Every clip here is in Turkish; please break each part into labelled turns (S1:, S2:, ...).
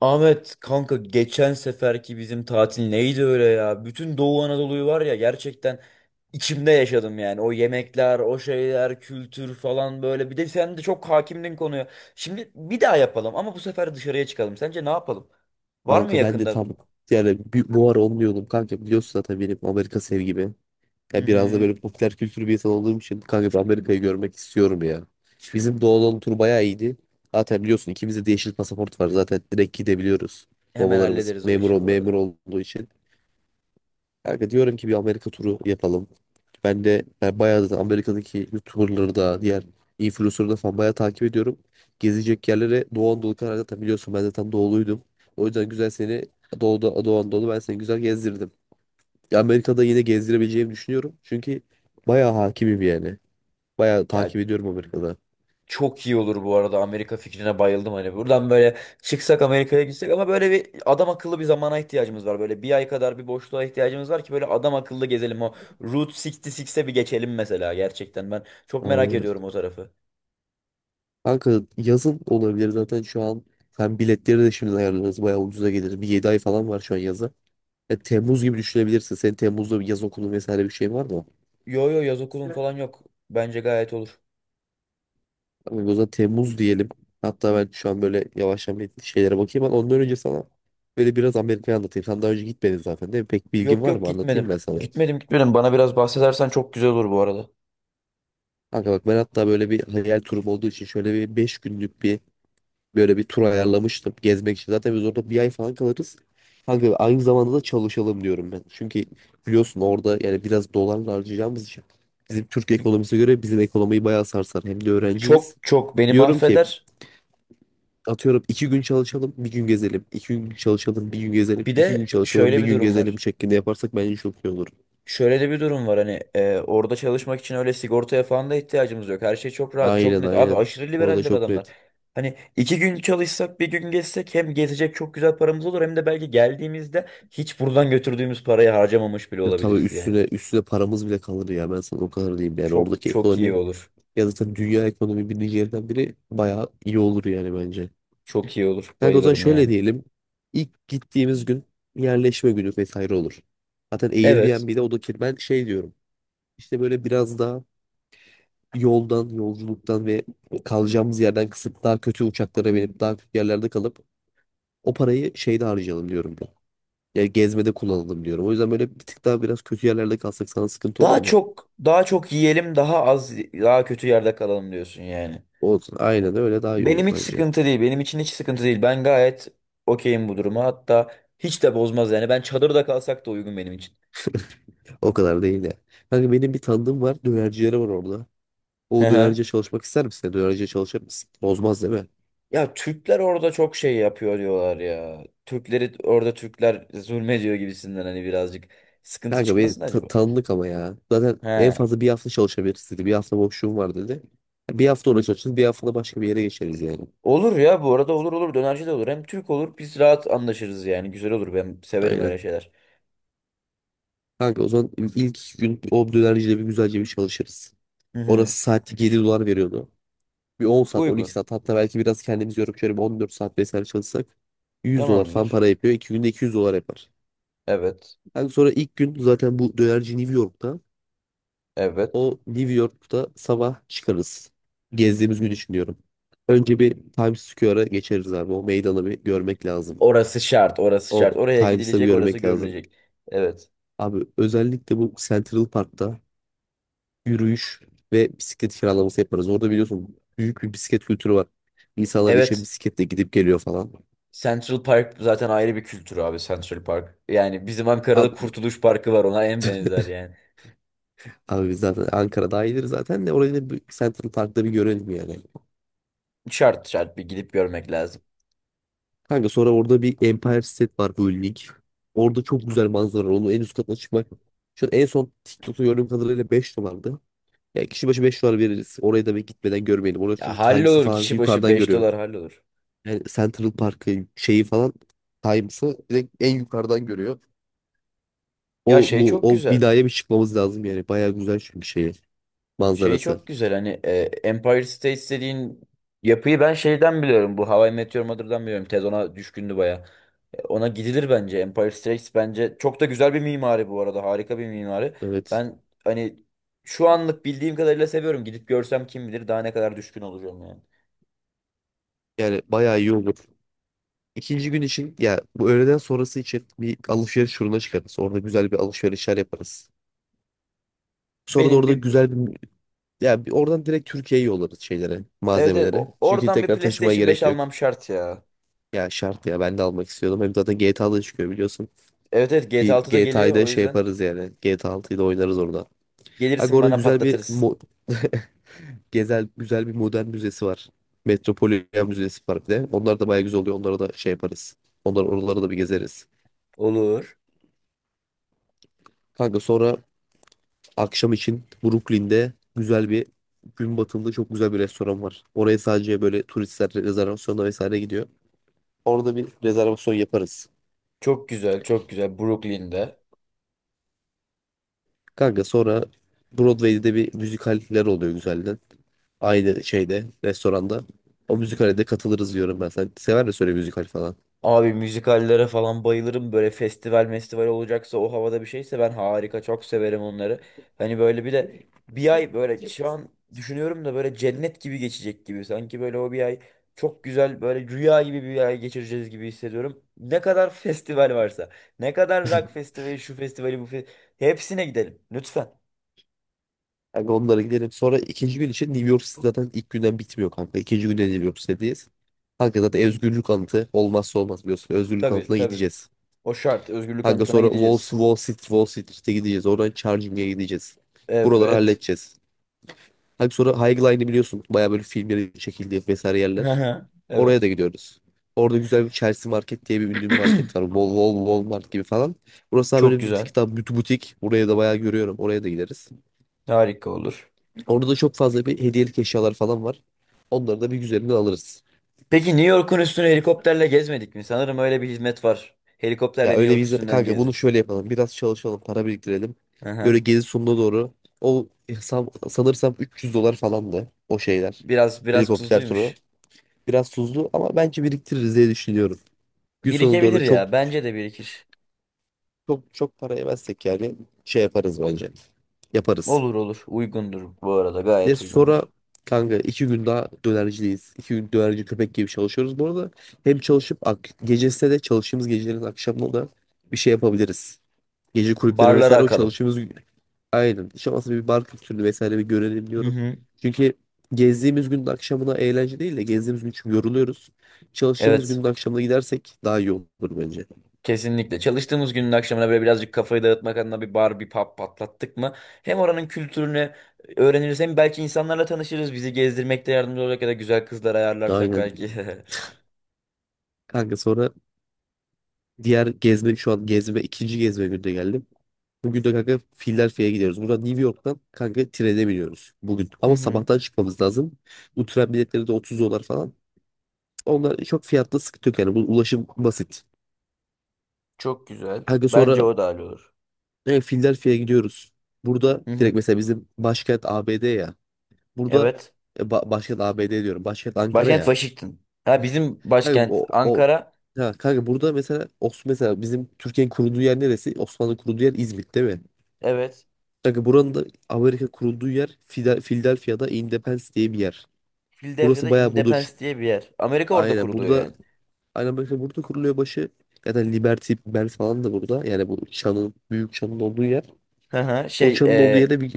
S1: Ahmet kanka geçen seferki bizim tatil neydi öyle ya? Bütün Doğu Anadolu'yu var ya gerçekten içimde yaşadım yani. O yemekler, o şeyler, kültür falan böyle. Bir de sen de çok hakimdin konuya. Şimdi bir daha yapalım ama bu sefer dışarıya çıkalım. Sence ne yapalım? Var mı
S2: Kanka ben de
S1: yakında?
S2: tam, yani bu ara onu diyordum kanka, biliyorsun zaten benim Amerika sevgimi.
S1: Hı
S2: Ya biraz da
S1: hı.
S2: böyle popüler kültür bir insan olduğum için kanka, ben Amerika'yı görmek istiyorum ya. Bizim Doğu tur bayağı iyiydi. Zaten biliyorsun ikimizde de yeşil pasaport var, zaten direkt gidebiliyoruz.
S1: Hemen
S2: Babalarımız
S1: hallederiz o
S2: memur,
S1: işi bu arada.
S2: memur olduğu için. Kanka diyorum ki bir Amerika turu yapalım. Ben de bayağı da Amerika'daki YouTuber'ları da diğer influencer'ları da falan bayağı takip ediyorum. Gezecek yerlere Doğu Anadolu kadar zaten biliyorsun, ben zaten doğuluydum. O yüzden güzel seni Doğu'da, Doğu Anadolu, ben seni güzel gezdirdim. Ya Amerika'da yine gezdirebileceğimi düşünüyorum. Çünkü bayağı hakimim yani. Bayağı
S1: Ya
S2: takip ediyorum Amerika'da.
S1: çok iyi olur bu arada, Amerika fikrine bayıldım, hani buradan böyle çıksak Amerika'ya gitsek, ama böyle bir adam akıllı bir zamana ihtiyacımız var, böyle bir ay kadar bir boşluğa ihtiyacımız var ki böyle adam akıllı gezelim. O Route 66'e bir geçelim mesela, gerçekten ben çok merak
S2: Aynen.
S1: ediyorum o tarafı.
S2: Kanka, yazın olabilir zaten şu an. Sen biletleri de şimdi ayarlarız. Bayağı ucuza gelir. Bir 7 ay falan var şu an yaza. Ya Temmuz gibi düşünebilirsin. Senin Temmuz'da bir yaz okulu vesaire bir şey var mı?
S1: Yo yo, yaz okulun falan yok, bence gayet olur.
S2: Abi, o zaman Temmuz diyelim. Hatta ben şu an böyle yavaş yavaş şeylere bakayım, ama ondan önce sana böyle biraz Amerika'yı anlatayım. Sen daha önce gitmedin zaten, değil mi? Pek
S1: Yok
S2: bilgin var
S1: yok,
S2: mı?
S1: gitmedim
S2: Anlatayım ben sana.
S1: gitmedim gitmedim, bana biraz bahsedersen çok güzel olur bu arada.
S2: Kanka bak, ben hatta böyle bir hayal turum olduğu için şöyle bir 5 günlük bir böyle bir tur ayarlamıştım gezmek için. Zaten biz orada bir ay falan kalırız. Kanka aynı zamanda da çalışalım diyorum ben. Çünkü biliyorsun orada, yani biraz dolarla harcayacağımız için bizim Türk ekonomisine göre bizim ekonomiyi bayağı sarsar. Hem de öğrenciyiz.
S1: Çok çok beni
S2: Diyorum ki,
S1: mahveder.
S2: atıyorum 2 gün çalışalım bir gün gezelim. 2 gün çalışalım bir gün gezelim.
S1: Bir
S2: İki gün
S1: de
S2: çalışalım
S1: şöyle
S2: bir
S1: bir
S2: gün
S1: durum
S2: gezelim
S1: var.
S2: şeklinde yaparsak bence çok iyi olur.
S1: Şöyle de bir durum var hani orada çalışmak için öyle sigortaya falan da ihtiyacımız yok. Her şey çok rahat, çok
S2: Aynen
S1: net. Abi
S2: aynen.
S1: aşırı
S2: Orada
S1: liberaller
S2: çok
S1: adamlar.
S2: net.
S1: Hani iki gün çalışsak bir gün gezsek, hem gezecek çok güzel paramız olur, hem de belki geldiğimizde hiç buradan götürdüğümüz parayı harcamamış bile
S2: Ya tabii,
S1: olabiliriz yani.
S2: üstüne üstüne paramız bile kalır ya, ben sana o kadar diyeyim yani
S1: Çok
S2: oradaki
S1: çok iyi
S2: ekonomi,
S1: olur.
S2: ya zaten dünya ekonomi birinci yerden biri, bayağı iyi olur yani bence.
S1: Çok iyi olur.
S2: Kanka o zaman
S1: Bayılırım
S2: şöyle
S1: yani.
S2: diyelim. İlk gittiğimiz gün yerleşme günü vesaire olur. Zaten
S1: Evet.
S2: Airbnb'de o da ki ben şey diyorum. İşte böyle biraz daha yoldan, yolculuktan ve kalacağımız yerden kısıp daha kötü uçaklara binip daha kötü yerlerde kalıp o parayı şeyde harcayalım diyorum ben. Yani gezmede kullanalım diyorum. O yüzden böyle bir tık daha biraz kötü yerlerde kalsak sana sıkıntı olur
S1: Daha
S2: mu?
S1: çok, daha çok yiyelim, daha az, daha kötü yerde kalalım diyorsun yani.
S2: Olsun. Aynen öyle, daha iyi olur
S1: Benim hiç
S2: bence.
S1: sıkıntı değil. Benim için hiç sıkıntı değil. Ben gayet okeyim bu duruma. Hatta hiç de bozmaz yani. Ben çadırda kalsak da uygun benim için.
S2: O kadar değil de. Kanka benim bir tanıdığım var. Dönercileri var orada.
S1: Hı
S2: O dönerciye
S1: hı.
S2: çalışmak ister misin? Dönerciye çalışır mısın? Bozmaz değil mi?
S1: Ya Türkler orada çok şey yapıyor diyorlar ya. Türkleri orada Türkler zulmediyor gibisinden, hani birazcık sıkıntı
S2: Kanka beni
S1: çıkmasın acaba?
S2: tanıdık ama ya. Zaten en
S1: He.
S2: fazla bir hafta çalışabiliriz dedi. Bir hafta boşluğum var dedi. Bir hafta orada çalışırız. Bir hafta da başka bir yere geçeriz yani.
S1: Olur ya, bu arada olur olur, dönerci de olur. Hem Türk olur, biz rahat anlaşırız yani. Güzel olur, ben severim
S2: Aynen.
S1: öyle şeyler.
S2: Kanka o zaman ilk gün o dönercide bir güzelce bir çalışırız.
S1: Hı hı.
S2: Orası saati 7 dolar veriyordu. Bir 10 saat 12
S1: Uygun.
S2: saat, hatta belki biraz kendimizi yorup şöyle bir 14 saat vesaire çalışsak 100 dolar falan
S1: Tamamdır.
S2: para yapıyor. 2 günde 200 dolar yapar.
S1: Evet.
S2: Kanka sonra ilk gün zaten bu dönerci New York'ta.
S1: Evet.
S2: O New York'ta sabah çıkarız. Gezdiğimiz gün için diyorum. Önce bir Times Square'a geçeriz abi. O meydanı bir görmek lazım.
S1: Orası şart, orası şart.
S2: O
S1: Oraya
S2: Times'ı bir
S1: gidilecek, orası
S2: görmek lazım.
S1: görülecek. Evet.
S2: Abi özellikle bu Central Park'ta yürüyüş ve bisiklet kiralaması yaparız. Orada biliyorsun büyük bir bisiklet kültürü var. İnsanlar işe
S1: Evet.
S2: bisikletle gidip geliyor falan.
S1: Central Park zaten ayrı bir kültür abi, Central Park. Yani bizim Ankara'da
S2: Abi,
S1: Kurtuluş Parkı var, ona en benzer yani.
S2: abi biz zaten Ankara dahildir, zaten de orayı da bir Central Park'ta bir görelim yani.
S1: Şart şart, bir gidip görmek lazım.
S2: Kanka sonra orada bir Empire State var bölümlük. Orada çok güzel manzara var. Onun en üst katına çıkmak. Şu an en son TikTok'ta gördüğüm kadarıyla 5 dolardı. Yani kişi başı 5 dolar veririz. Orayı da bir gitmeden görmeyelim. Orada
S1: Ya
S2: çünkü Times'ı
S1: hallolur,
S2: falan
S1: kişi başı
S2: yukarıdan
S1: 5
S2: görüyor.
S1: dolar hallolur.
S2: Yani Central Park'ı, şeyi falan, Times'ı direkt en yukarıdan görüyor.
S1: Ya
S2: O
S1: şey
S2: bu
S1: çok
S2: o
S1: güzel.
S2: binaya bir çıkmamız lazım yani. Baya güzel çünkü şeyi
S1: Şey
S2: manzarası.
S1: çok güzel, hani Empire State dediğin yapıyı ben şeyden biliyorum. Bu How I Met Your Mother'dan biliyorum. Ted ona düşkündü baya. Ona gidilir bence. Empire Strikes bence çok da güzel bir mimari bu arada. Harika bir mimari.
S2: Evet.
S1: Ben hani şu anlık bildiğim kadarıyla seviyorum. Gidip görsem kim bilir daha ne kadar düşkün olacağım yani.
S2: Yani baya iyi olur. İkinci gün için, ya bu öğleden sonrası için bir alışveriş turuna çıkarız. Orada güzel bir alışverişler yaparız. Sonra da
S1: Benim
S2: orada
S1: bir
S2: güzel bir, ya bir oradan direkt Türkiye'ye yollarız şeylere,
S1: evet,
S2: malzemeleri. Çünkü
S1: oradan bir
S2: tekrar taşımaya
S1: PlayStation 5
S2: gerek yok.
S1: almam şart ya.
S2: Ya şart ya, ben de almak istiyordum. Hem zaten GTA'da çıkıyor biliyorsun.
S1: Evet evet, GTA
S2: Bir
S1: 6 da geliyor,
S2: GTA'da
S1: o
S2: şey
S1: yüzden
S2: yaparız yani. GTA 6'yı da oynarız orada. Aga
S1: gelirsin
S2: orada
S1: bana
S2: güzel bir
S1: patlatırız.
S2: güzel bir modern müzesi var. Metropolitan Müzesi var bir de. Onlar da bayağı güzel oluyor. Onlara da şey yaparız. Onlar oraları da bir gezeriz.
S1: Olur.
S2: Kanka sonra akşam için Brooklyn'de güzel bir gün batımında çok güzel bir restoran var. Oraya sadece böyle turistler rezervasyonla vesaire gidiyor. Orada bir rezervasyon yaparız.
S1: Çok güzel, çok güzel Brooklyn'de.
S2: Kanka sonra Broadway'de de bir müzikaller oluyor güzelden. Aynı şeyde restoranda. O müzikale de katılırız diyorum ben. Sen sever misin öyle müzikal falan?
S1: Abi müzikallere falan bayılırım. Böyle festival festival olacaksa, o havada bir şeyse, ben harika çok severim onları. Hani böyle bir de bir ay böyle şu an düşünüyorum da böyle cennet gibi geçecek gibi. Sanki böyle o bir ay çok güzel böyle rüya gibi bir ay geçireceğiz gibi hissediyorum. Ne kadar festival varsa, ne kadar rock festivali, şu festivali, hepsine gidelim lütfen.
S2: Kanka onlara gidelim. Sonra ikinci gün için New York City zaten ilk günden bitmiyor kanka. İkinci günde New York City'deyiz. Kanka zaten özgürlük anıtı olmazsa olmaz biliyorsun. Özgürlük
S1: Tabii
S2: anıtına
S1: tabii,
S2: gideceğiz.
S1: o şart, özgürlük
S2: Kanka
S1: anıtına
S2: sonra
S1: gideceğiz.
S2: Wall Street'e gideceğiz. Oradan Charging'e gideceğiz. Buraları
S1: Evet.
S2: halledeceğiz. Kanka sonra High Line'i biliyorsun. Baya böyle filmlerin çekildiği vesaire yerler. Oraya da
S1: Evet.
S2: gidiyoruz. Orada güzel bir Chelsea Market diye bir ünlü bir market var. Walmart gibi falan. Burası daha
S1: Çok
S2: böyle bir
S1: güzel,
S2: tık daha butik. Buraya da bayağı görüyorum. Oraya da gideriz.
S1: harika olur.
S2: Orada da çok fazla bir hediyelik eşyalar falan var. Onları da bir güzelinden alırız.
S1: Peki New York'un üstünü helikopterle gezmedik mi? Sanırım öyle bir hizmet var. Helikopterle
S2: Ya
S1: New
S2: öyle bir
S1: York
S2: izle
S1: üstünden
S2: kanka, bunu
S1: gezdi.
S2: şöyle yapalım. Biraz çalışalım, para biriktirelim. Böyle
S1: Aha.
S2: gezi sonuna doğru o sanırsam 300 dolar falandı o şeyler.
S1: Biraz biraz
S2: Helikopter turu.
S1: tuzluymuş.
S2: Biraz tuzlu ama bence biriktiririz diye düşünüyorum. Gün sonuna
S1: Birikebilir
S2: doğru çok
S1: ya. Bence de birikir.
S2: çok çok para yemezsek yani şey yaparız bence. Yaparız.
S1: Olur olur. Uygundur bu arada.
S2: Ya
S1: Gayet
S2: sonra
S1: uygundur.
S2: kanka 2 gün daha dönercideyiz. 2 gün dönerci köpek gibi çalışıyoruz. Bu arada hem çalışıp ak gecesine de çalıştığımız gecelerin akşamına da bir şey yapabiliriz. Gece kulüpleri
S1: Barlara
S2: vesaire o
S1: akalım.
S2: çalıştığımız gün. Aynen. Hiç olmazsa bir bar kültürünü vesaire bir görelim
S1: Hı
S2: diyorum.
S1: hı.
S2: Çünkü gezdiğimiz günün akşamına eğlence değil de gezdiğimiz gün çünkü yoruluyoruz. Çalıştığımız
S1: Evet.
S2: günün akşamına gidersek daha iyi olur bence.
S1: Kesinlikle. Çalıştığımız günün akşamına böyle birazcık kafayı dağıtmak adına bir bar, bir pub patlattık mı? Hem oranın kültürünü öğreniriz, hem belki insanlarla tanışırız. Bizi gezdirmekte yardımcı olacak, ya da güzel kızlar ayarlarsak
S2: Aynen.
S1: belki.
S2: Kanka sonra diğer gezme, şu an gezme ikinci gezme günde geldim. Bugün de kanka Philadelphia'ya gidiyoruz. Buradan New York'tan kanka trene biniyoruz bugün.
S1: Hı
S2: Ama
S1: hı.
S2: sabahtan çıkmamız lazım. Bu tren biletleri de 30 dolar falan. Onlar çok fiyatla sıkıntı yok yani. Bu ulaşım basit.
S1: Çok güzel.
S2: Kanka sonra
S1: Bence o da hallolur.
S2: Philadelphia'ya gidiyoruz. Burada
S1: Hı
S2: direkt
S1: hı.
S2: mesela bizim başkent ABD ya. Burada
S1: Evet.
S2: başkent ABD diyorum. Başkent Ankara
S1: Başkent
S2: ya.
S1: Washington. Ha, bizim
S2: Kanka,
S1: başkent
S2: o, o
S1: Ankara.
S2: ha, kanka burada mesela mesela bizim Türkiye'nin kurulduğu yer neresi? Osmanlı kurulduğu yer İzmit değil mi?
S1: Evet.
S2: Kanka buranın da Amerika kurulduğu yer Philadelphia'da Independence diye bir yer.
S1: Philadelphia'da
S2: Burası bayağı burada
S1: Independence diye bir yer. Amerika orada
S2: aynen
S1: kuruluyor
S2: burada
S1: yani.
S2: aynen böyle burada kuruluyor başı. Ya Liberty Bell falan da burada. Yani bu çanın, büyük çanın olduğu yer.
S1: Hı hı.
S2: O
S1: Şey,
S2: çanın olduğu yere bir,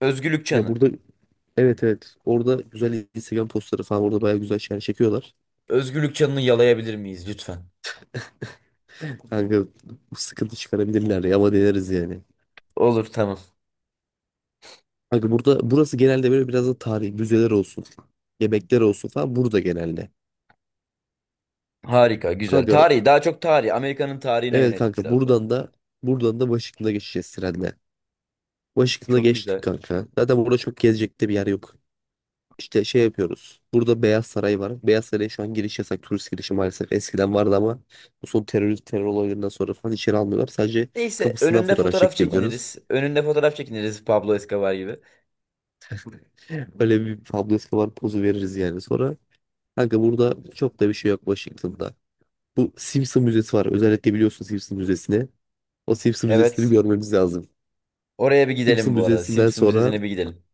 S1: Özgürlük
S2: ya
S1: Çanı.
S2: burada, evet evet, orada güzel Instagram postları falan, orada bayağı güzel şeyler çekiyorlar.
S1: Özgürlük Çanı'nı yalayabilir miyiz lütfen?
S2: Kanka sıkıntı çıkarabilirler ya, ama deneriz yani.
S1: Olur, tamam.
S2: Kanka burada burası genelde böyle biraz da tarihi müzeler olsun. Yemekler olsun falan burada genelde.
S1: Harika, güzel.
S2: Kanka
S1: Tarihi, daha çok tarihi. Amerika'nın tarihine
S2: evet
S1: yönelik
S2: kanka
S1: biraz daha.
S2: buradan da Washington'a geçeceğiz trenle. Washington'a
S1: Çok
S2: geçtik
S1: güzel.
S2: kanka. Zaten burada çok gezecek de bir yer yok. İşte şey yapıyoruz. Burada Beyaz Saray var. Beyaz Saray'a şu an giriş yasak. Turist girişi maalesef. Eskiden vardı ama bu son terör olaylarından sonra falan içeri almıyorlar. Sadece
S1: Neyse,
S2: kapısından
S1: önünde
S2: fotoğraf
S1: fotoğraf
S2: çekebiliyoruz.
S1: çekiniriz. Önünde fotoğraf çekiniriz Pablo Escobar gibi.
S2: Böyle bir Pablo Escobar pozu veririz yani. Sonra kanka burada çok da bir şey yok Washington'da. Bu Simpson Müzesi var. Özellikle biliyorsun Simpson Müzesi'ni. O Simpson Müzesi'ni
S1: Evet.
S2: görmemiz lazım.
S1: Oraya bir gidelim
S2: Simpson
S1: bu arada.
S2: Müzesi'nden
S1: Simpson
S2: sonra
S1: Müzesi'ne bir gidelim.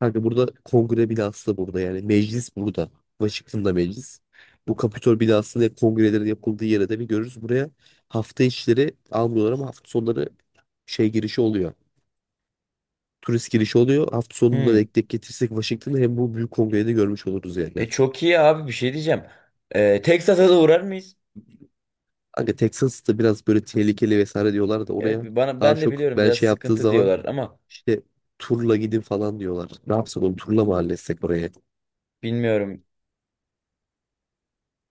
S2: kanka burada kongre binası da burada yani. Meclis burada. Washington'da meclis. Bu Kapitol binasında hep kongrelerin yapıldığı yere de bir görürüz. Buraya hafta içleri almıyorlar ama hafta sonları şey girişi oluyor. Turist girişi oluyor. Hafta sonunda
S1: Hmm.
S2: denk denk getirsek Washington'ı, hem bu büyük kongreyi de görmüş oluruz yani.
S1: E çok iyi abi, bir şey diyeceğim. Texas'a da uğrar mıyız?
S2: Kanka Texas'ta biraz böyle tehlikeli vesaire diyorlar da
S1: Evet,
S2: oraya
S1: bana,
S2: daha
S1: ben de
S2: çok
S1: biliyorum
S2: ben
S1: biraz
S2: şey yaptığı
S1: sıkıntı
S2: zaman
S1: diyorlar ama
S2: işte turla gidin falan diyorlar. Ne yapsak oğlum turla mı halletsek oraya?
S1: bilmiyorum.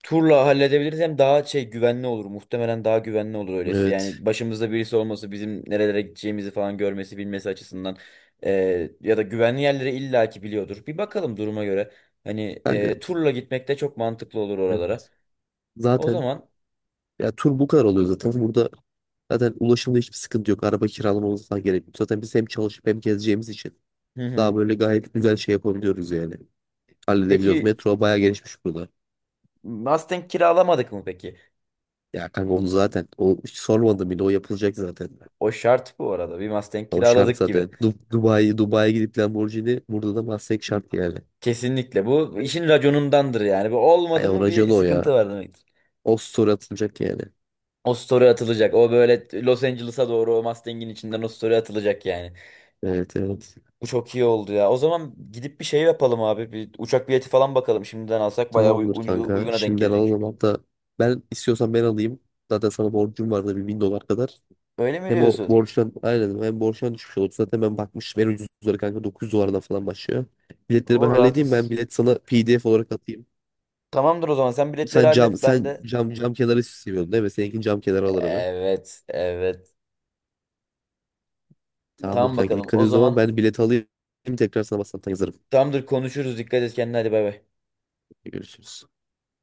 S1: Turla halledebiliriz, hem daha şey güvenli olur. Muhtemelen daha güvenli olur öylesi.
S2: Evet.
S1: Yani başımızda birisi olması, bizim nerelere gideceğimizi falan görmesi bilmesi açısından, ya da güvenli yerleri illaki biliyordur. Bir bakalım duruma göre. Hani,
S2: Kanka
S1: turla gitmek de çok mantıklı olur oralara. O
S2: zaten
S1: zaman
S2: Ya tur bu kadar oluyor zaten. Burada zaten ulaşımda hiçbir sıkıntı yok. Araba kiralamamız falan gerek yok. Zaten biz hem çalışıp hem gezeceğimiz için
S1: hı hı.
S2: daha böyle gayet güzel şey yapabiliyoruz yani. Halledebiliyoruz.
S1: Peki
S2: Metro bayağı gelişmiş burada.
S1: Mustang kiralamadık mı peki?
S2: Ya kanka onu zaten o hiç sormadım bile, o yapılacak zaten.
S1: O şart bu arada. Bir Mustang
S2: O şart
S1: kiraladık gibi.
S2: zaten. Dubai'ye gidip Lamborghini, burada da Mustang şart yani.
S1: Kesinlikle. Bu işin raconundandır yani. Bu
S2: Ay
S1: olmadı
S2: o
S1: mı
S2: racon
S1: bir
S2: o ya.
S1: sıkıntı var demektir.
S2: O story atılacak yani.
S1: O story atılacak. O böyle Los Angeles'a doğru o Mustang'in içinden o story atılacak yani.
S2: Evet evet.
S1: Bu çok iyi oldu ya. O zaman gidip bir şey yapalım abi. Bir uçak bileti falan bakalım. Şimdiden alsak bayağı
S2: Tamamdır kanka.
S1: uyguna denk
S2: Şimdiden
S1: gelecek
S2: alalım
S1: çünkü.
S2: hatta, ben, istiyorsan ben alayım. Zaten sana borcum vardı bir 1.000 dolar kadar.
S1: Öyle mi
S2: Hem o
S1: diyorsun?
S2: borçtan aynen, hem borçtan düşmüş oldu. Zaten ben bakmıştım en ucuzları kanka 900 dolardan falan başlıyor. Biletleri ben
S1: O
S2: halledeyim, ben
S1: rahatız.
S2: bilet sana PDF olarak atayım.
S1: Tamamdır o zaman. Sen biletleri
S2: Sen cam
S1: hallet. Ben
S2: sen
S1: de.
S2: cam cam kenarı seviyorsun değil mi? Seninkini cam kenarı alırım ben.
S1: Evet. Evet.
S2: Tamamdır
S1: Tamam
S2: kanka,
S1: bakalım.
S2: dikkat
S1: O
S2: et. O zaman
S1: zaman
S2: ben bilet alayım, tekrar sana WhatsApp'tan yazarım.
S1: tamamdır, konuşuruz. Dikkat et kendine. Hadi bay bay.
S2: Görüşürüz.